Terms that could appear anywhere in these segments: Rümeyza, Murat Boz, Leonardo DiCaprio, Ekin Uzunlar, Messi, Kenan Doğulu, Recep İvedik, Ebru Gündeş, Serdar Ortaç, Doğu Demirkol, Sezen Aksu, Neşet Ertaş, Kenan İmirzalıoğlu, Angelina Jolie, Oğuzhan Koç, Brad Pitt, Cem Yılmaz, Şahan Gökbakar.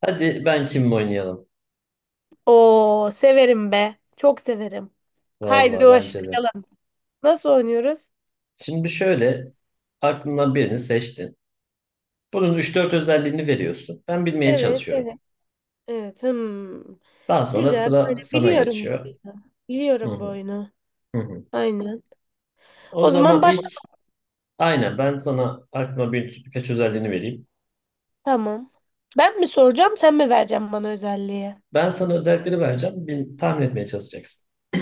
Hadi ben kim oynayalım? Oo, severim be. Çok severim. Haydi Vallahi bence de. başlayalım. Nasıl oynuyoruz? Şimdi şöyle, aklından birini seçtin. Bunun üç dört özelliğini veriyorsun. Ben bilmeye Evet, çalışıyorum. evet. Evet. Hmm. Daha sonra Güzel. Böyle sıra sana biliyorum bu geçiyor. oyunu. Hı Biliyorum bu hı, oyunu. hı hı. Aynen. O O zaman zaman başla. ilk aynen ben sana aklıma birkaç özelliğini vereyim. Tamam. Ben mi soracağım, sen mi vereceksin bana özelliği? Ben sana özellikleri vereceğim. Bir, tahmin etmeye çalışacaksın.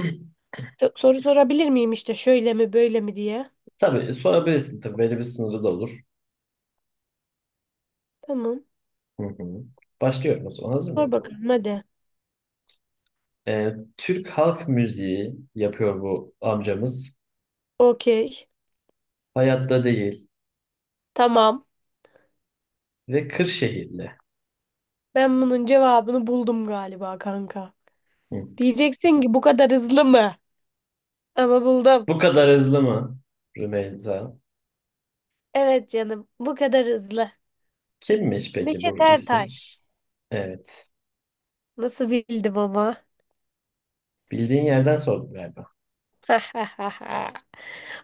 Soru sorabilir miyim işte şöyle mi böyle mi diye. Tabii sorabilirsin, tabii belli bir sınırı da olur. Tamam. Hı hı. Başlıyorum o zaman, hazır Sor mısın? bakalım hadi. Türk halk müziği yapıyor bu amcamız. Okey. Hayatta değil. Tamam. Ve Kırşehirli. Ben bunun cevabını buldum galiba kanka. Hı. Diyeceksin ki bu kadar hızlı mı? Ama buldum. Bu kadar hızlı mı Rümeyza? Evet canım, bu kadar hızlı. Kimmiş peki bu Neşet isim? Ertaş. Evet. Nasıl bildim ama? Bildiğin yerden sordum galiba.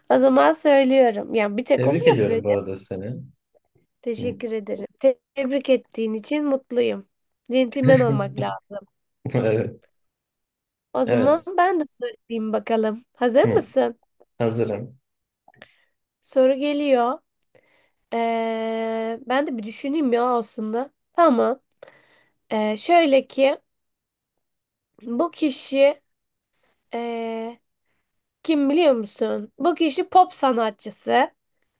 O zaman söylüyorum. Yani bir tek o mu Tebrik yapıyor ediyorum bu canım? arada seni. Hı. Teşekkür ederim. Tebrik ettiğin için mutluyum. Centilmen olmak lazım. Evet. O zaman Evet. ben de sorayım bakalım. Hazır Hı. mısın? Hazırım. Soru geliyor. Ben de bir düşüneyim ya aslında. Tamam. Şöyle ki bu kişi ee, kim biliyor musun? Bu kişi pop sanatçısı.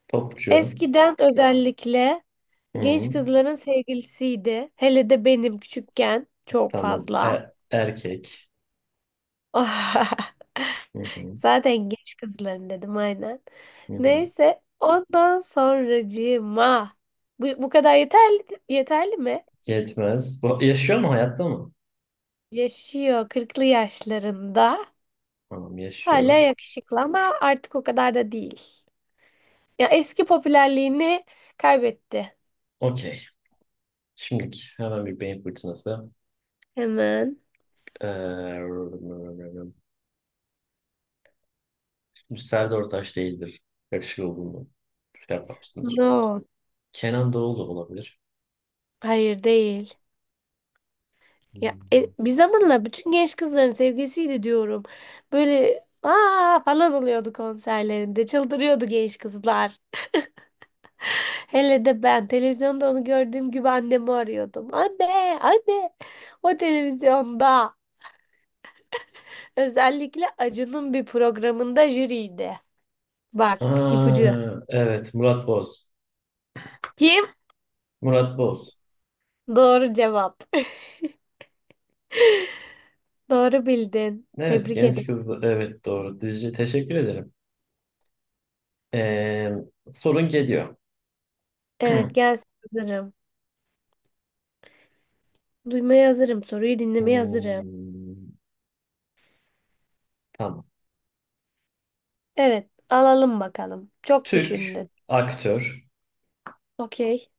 Topçu. Eskiden özellikle genç Hı. kızların sevgilisiydi. Hele de benim küçükken çok Tamam. fazla. Erkek. Hı hı. Zaten genç kızların dedim aynen. Hı hı. Neyse ondan sonracığıma bu kadar yeterli mi? Yetmez. Bu yaşıyor mu? Hayatta mı? Yaşıyor kırklı yaşlarında. Tamam, Hala yaşıyor. yakışıklı ama artık o kadar da değil. Ya eski popülerliğini kaybetti. Okey. Şimdiki hemen bir beyin fırtınası. Hemen. Ee, Serdar Ortaç değildir. Yakışıklı olduğunu şey yapmamışsındır. No. Kenan Doğulu olabilir. Hayır değil. Ya Hmm. e, bir zamanla bütün genç kızların sevgilisiydi diyorum. Böyle aa falan oluyordu konserlerinde. Çıldırıyordu genç kızlar. Hele de ben televizyonda onu gördüğüm gibi annemi arıyordum. Anne, anne. O televizyonda özellikle Acun'un bir programında jüriydi. Bak ipucu. Aa, evet Murat Boz. Kim? Murat Boz. Doğru cevap. Doğru bildin. Evet, Tebrik genç ederim. kız. Evet, doğru. Dizici teşekkür ederim. Ee, sorun geliyor. Evet gelsin hazırım. Duymaya hazırım. Soruyu dinlemeye hazırım. Hmm, tamam. Evet, alalım bakalım. Çok Türk, düşündün. aktör, Okey,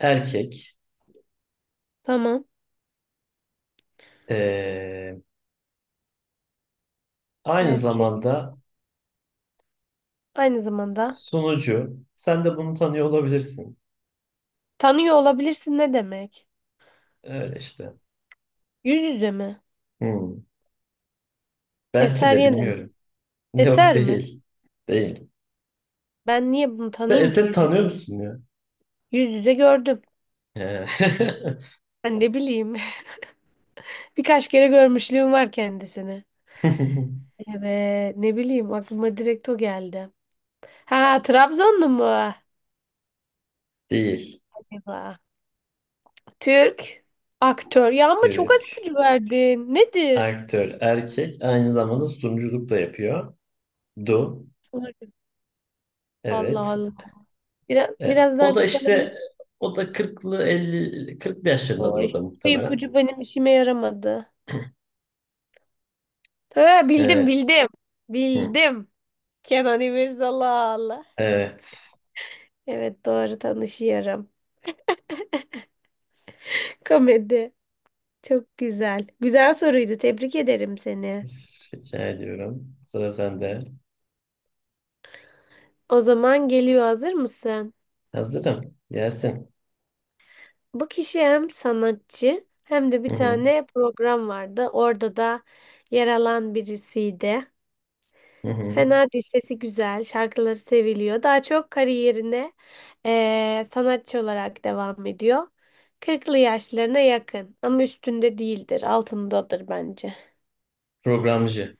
erkek, tamam. ee, aynı Belki zamanda aynı zamanda sunucu. Sen de bunu tanıyor olabilirsin. tanıyor olabilirsin ne demek? Öyle işte. Yüz yüze mi? Hmm. Belki Eser de yine mi? bilmiyorum. Yok, Eser mi? değil. Değil. Ben niye bunu Sen tanıyayım ki Esed yüz yüze? tanıyor musun ya? Yüz yüze gördüm. Ee, Ben ne bileyim. Birkaç kere görmüşlüğüm var kendisini. Evet, ne bileyim aklıma direkt o geldi. Ha, Trabzonlu mu Değil. acaba? Türk aktör. Ya ama çok az Türk. ipucu verdin. Nedir? Aktör, erkek. Aynı zamanda sunuculuk da yapıyor. Du. Umarım. Allah Evet. Allah. Biraz, E, biraz o daha da ipucu alabilir işte miyim? o da kırklı yaşlarındadır Oy. o da Bu muhtemelen. ipucu benim işime yaramadı. Ha, bildim E, bildim. hı, Bildim. Kenan İmirzalıoğlu. evet. Evet doğru tanışıyorum. Komedi. Çok güzel. Güzel soruydu. Tebrik ederim seni. Rica ediyorum. Sıra sende. O zaman geliyor hazır mısın? Hazırım. Gelsin. Bu kişi hem sanatçı hem de bir Hı hı. tane program vardı. Orada da yer alan birisiydi. Hı hı. Fena değil, sesi güzel, şarkıları seviliyor. Daha çok kariyerine sanatçı olarak devam ediyor. Kırklı yaşlarına yakın ama üstünde değildir, altındadır bence. Programcı.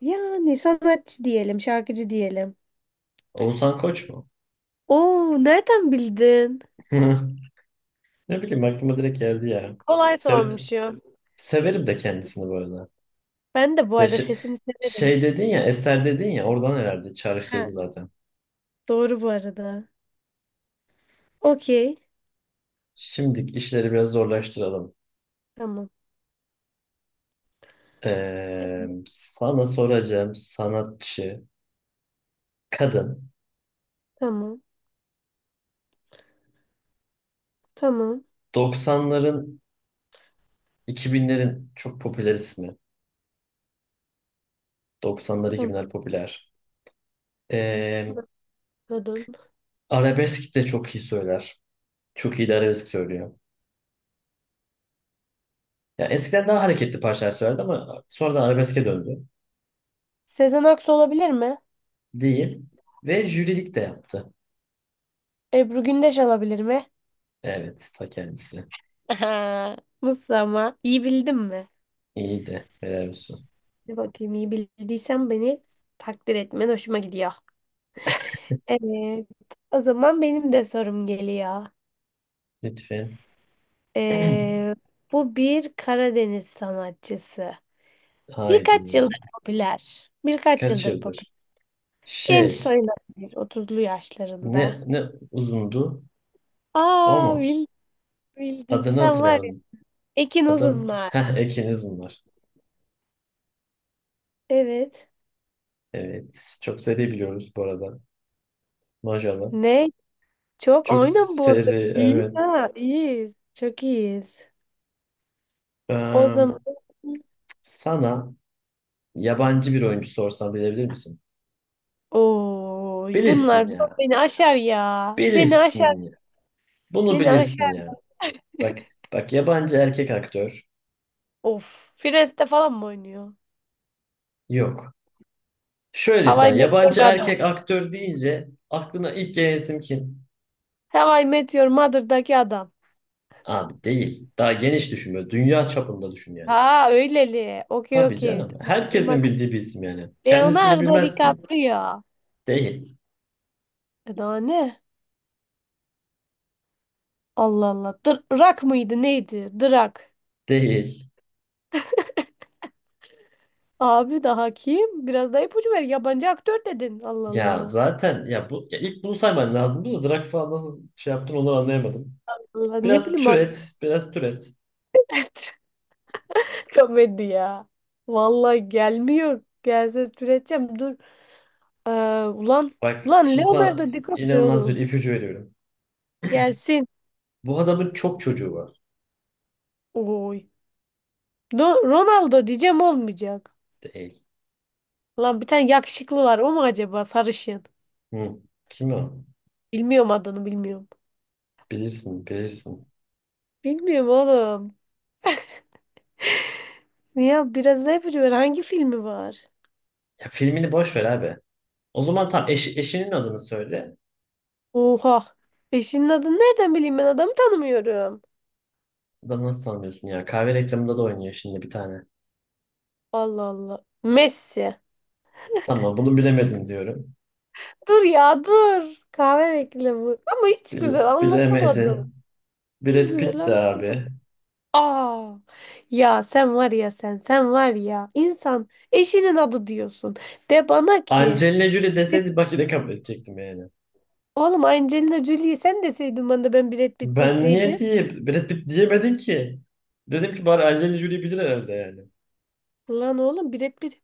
Yani sanatçı diyelim, şarkıcı diyelim. Oğuzhan Koç mu? Oo, nereden bildin? Ne bileyim, aklıma direkt geldi ya. Kolay Sev sormuşum. Severim de kendisini bu arada. Ben de bu Ya arada şi- sesini severim. Şey dedin ya, eser dedin ya, oradan herhalde Ha, çağrıştırdı zaten. doğru bu arada. Okey. Şimdi işleri biraz zorlaştıralım. Tamam. Sana soracağım sanatçı, kadın. Tamam. Tamam. 90'ların, 2000'lerin çok popüler ismi. 90'lar, Tamam. 2000'ler popüler. Ee, Kadın. arabesk de çok iyi söyler. Çok iyi de arabesk söylüyor. Ya eskiden daha hareketli parçalar söylerdi ama sonradan arabeske döndü. Sezen Aksu olabilir mi? Değil. Ve jürilik de yaptı. Ebru Gündeş olabilir mi? Evet, ta kendisi. Aha, nasıl ama? İyi bildim mi? İyi de helal olsun. Bir bakayım iyi bildiysen beni takdir etmen hoşuma gidiyor. Evet. O zaman benim de sorum geliyor. Lütfen. Ee, Bu bir Karadeniz sanatçısı. Birkaç Haydi. yıldır popüler. Birkaç Birkaç yıldır popüler. yıldır. Genç Şey. sayılabilir. Otuzlu Ne yaşlarında. ne uzundu, o Aa mu? bildin, bildin. Adını Sen var ya. hatırlayamadım. Ekin Adam, Uzunlar. heh, Ekin Uzunlar. Evet. Evet. Çok seri biliyoruz bu arada. Maşallah. Ne? Çok Çok oynan bu arada. seri. İyiyiz Evet. ha. İyiyiz. Çok iyiyiz. O Eee, zaman sana yabancı bir oyuncu sorsam bilebilir misin? oy Bilirsin bunlar ya. beni aşar ya. Beni aşar. Bilirsin ya. Bunu Beni bilirsin aşar. ya. Bak bak, yabancı erkek aktör. Of. Friends'te falan mı oynuyor? Yok. Şöyle diyeyim sana. Hawaii Yabancı Meteor adam. erkek aktör deyince aklına ilk gelen isim kim? Hawaii Meteor Mother'daki adam. Abi değil. Daha geniş düşün böyle. Dünya çapında düşün yani. Ha öyleli. Okey Tabii okey. canım. Tamam. Benim Herkesin aklım- bildiği bir isim yani. Kendi ismini Leonardo bilmezsin. DiCaprio. Değil. E daha ne? Allah Allah. Drak mıydı neydi? Drak. Değil. Abi daha kim? Biraz daha ipucu ver. Yabancı aktör dedin. Allah Ya Allah. zaten ya bu, ya ilk bunu sayman lazımdı da Drak falan nasıl şey yaptın onu anlayamadım. Allah ne bileyim bak. Biraz türet. Komedi ya. Vallahi gelmiyor. Gelse türeteceğim. Dur. Ee, Ulan Bak, ulan şimdi sana Leonardo DiCaprio inanılmaz bir oğlum. ipucu veriyorum. Gelsin. Bu adamın çok çocuğu var. Oy. Ronaldo diyeceğim olmayacak. Değil. Lan bir tane yakışıklı var. O mu acaba sarışın? Hı. Kim o? Bilmiyorum adını bilmiyorum. Bilirsin. Bilmiyorum oğlum. Ya biraz ne ipucu ver. Hangi filmi var? Ya filmini boş ver abi. O zaman eşinin adını söyle. Oha. Eşinin adını nereden bileyim ben adamı tanımıyorum. Adamı nasıl tanımıyorsun ya? Kahve reklamında da oynuyor şimdi bir tane. Allah Allah. Messi. Tamam, bunu bilemedin diyorum. Dur ya dur. Kahve reklamı. Ama hiç güzel anlatamadım. Bilemedin. Hiç Brad güzel Pitt de anlamadım. abi. Aa, ya sen var ya sen var ya insan eşinin adı diyorsun. De bana ki Angelina Jolie deseydi bak yine kabul edecektim yani. oğlum Angelina Jolie'yi sen deseydin bana da ben Brad Pitt Ben niye deseydim. diye Brad Pitt diyemedin ki? Dedim ki bari Angelina Jolie bilir herhalde yani. Lan oğlum Brad Pitt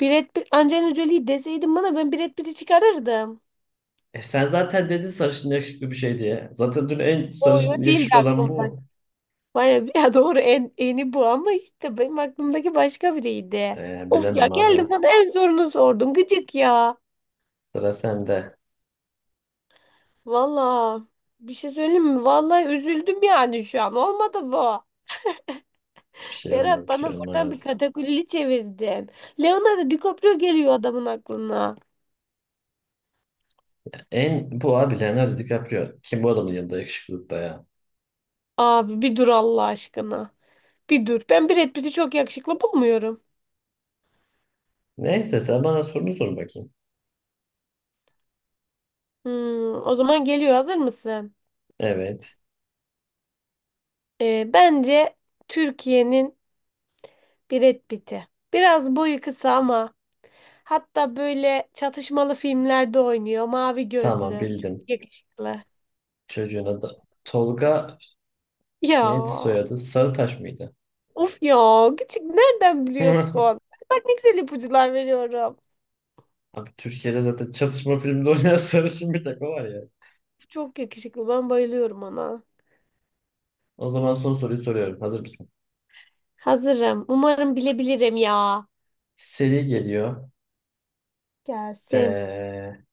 Brad Pitt Angelina Jolie'yi deseydin bana ben Brad Pitt'i çıkarırdım. E sen zaten dedin sarışın yakışıklı bir şey diye. Zaten dün en O yo sarışın değildi yakışıklı olan aklımda. bu. Var ya, ya doğru en eni bu ama işte benim aklımdaki başka biriydi. E, Of ya bilemem abi. geldim bana en zorunu sordun gıcık ya. Sıra sende. Valla bir şey söyleyeyim mi? Vallahi üzüldüm yani şu an. Olmadı bu. Berat Bir şey bana buradan bir olmaz. katakulli çevirdin. Leonardo DiCaprio geliyor adamın aklına. En bu abi Leonardo DiCaprio. Kim bu adamın yanında yakışıklılıkta ya. Abi bir dur Allah aşkına. Bir dur. Ben Brad Pitt'i çok yakışıklı bulmuyorum. Neyse sen bana sorunu sor bakayım. O zaman geliyor. Hazır mısın? Evet. Bence Türkiye'nin Brad Pitt'i. Biraz boyu kısa ama hatta böyle çatışmalı filmlerde oynuyor. Mavi Tamam, gözlü. Çok bildim. yakışıklı. Çocuğun adı Tolga, Ya. neydi soyadı? Sarıtaş mıydı? Of ya. Küçük nereden biliyorsun? Bak ne güzel ipuçlar veriyorum. Abi Türkiye'de zaten çatışma filminde oynayan sarışın bir takı var ya. Çok yakışıklı. Ben bayılıyorum ona. O zaman son soruyu soruyorum. Hazır mısın? Hazırım. Umarım bilebilirim ya. Seri geliyor. Gelsin. Ee,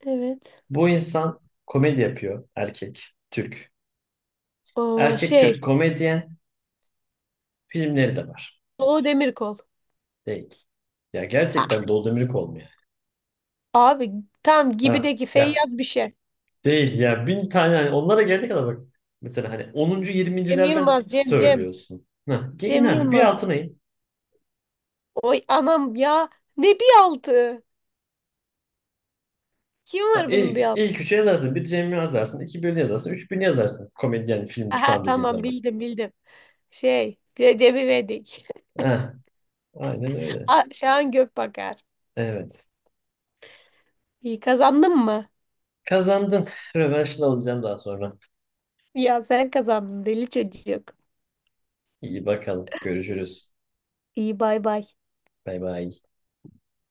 Evet. bu insan komedi yapıyor. Erkek. Türk. Aa, Erkek şey. Türk komedyen. Filmleri de var. Doğu Demirkol. Değil. Ya Ah, gerçekten Doğu Demirkol mu ya? abi tam Ha. gibideki Ya Feyyaz bir şey. değil ya, bin tane hani onlara gelene kadar bak. Mesela hani onuncu, Cem yirmincilerden Yılmaz. Cem. söylüyorsun. Ha, Cem inan bir Yılmaz. altına in. Oy anam ya. Ne bir altı. Kim var bunun bir altı? İlk üçü yazarsın. Bir Cem'i yazarsın. İki birini yazarsın. Üç birini yazarsın. Komedyen, filmci Aha falan dediğin tamam zaman. bildim bildim. Şey. Recep İvedik. Heh, aynen öyle. Ah, Şahan Gökbakar. Evet. İyi kazandın mı? Kazandın. Rövanşını alacağım daha sonra. Ya sen kazandın deli çocuk. İyi bakalım. Görüşürüz. İyi bay bay. Bay bay.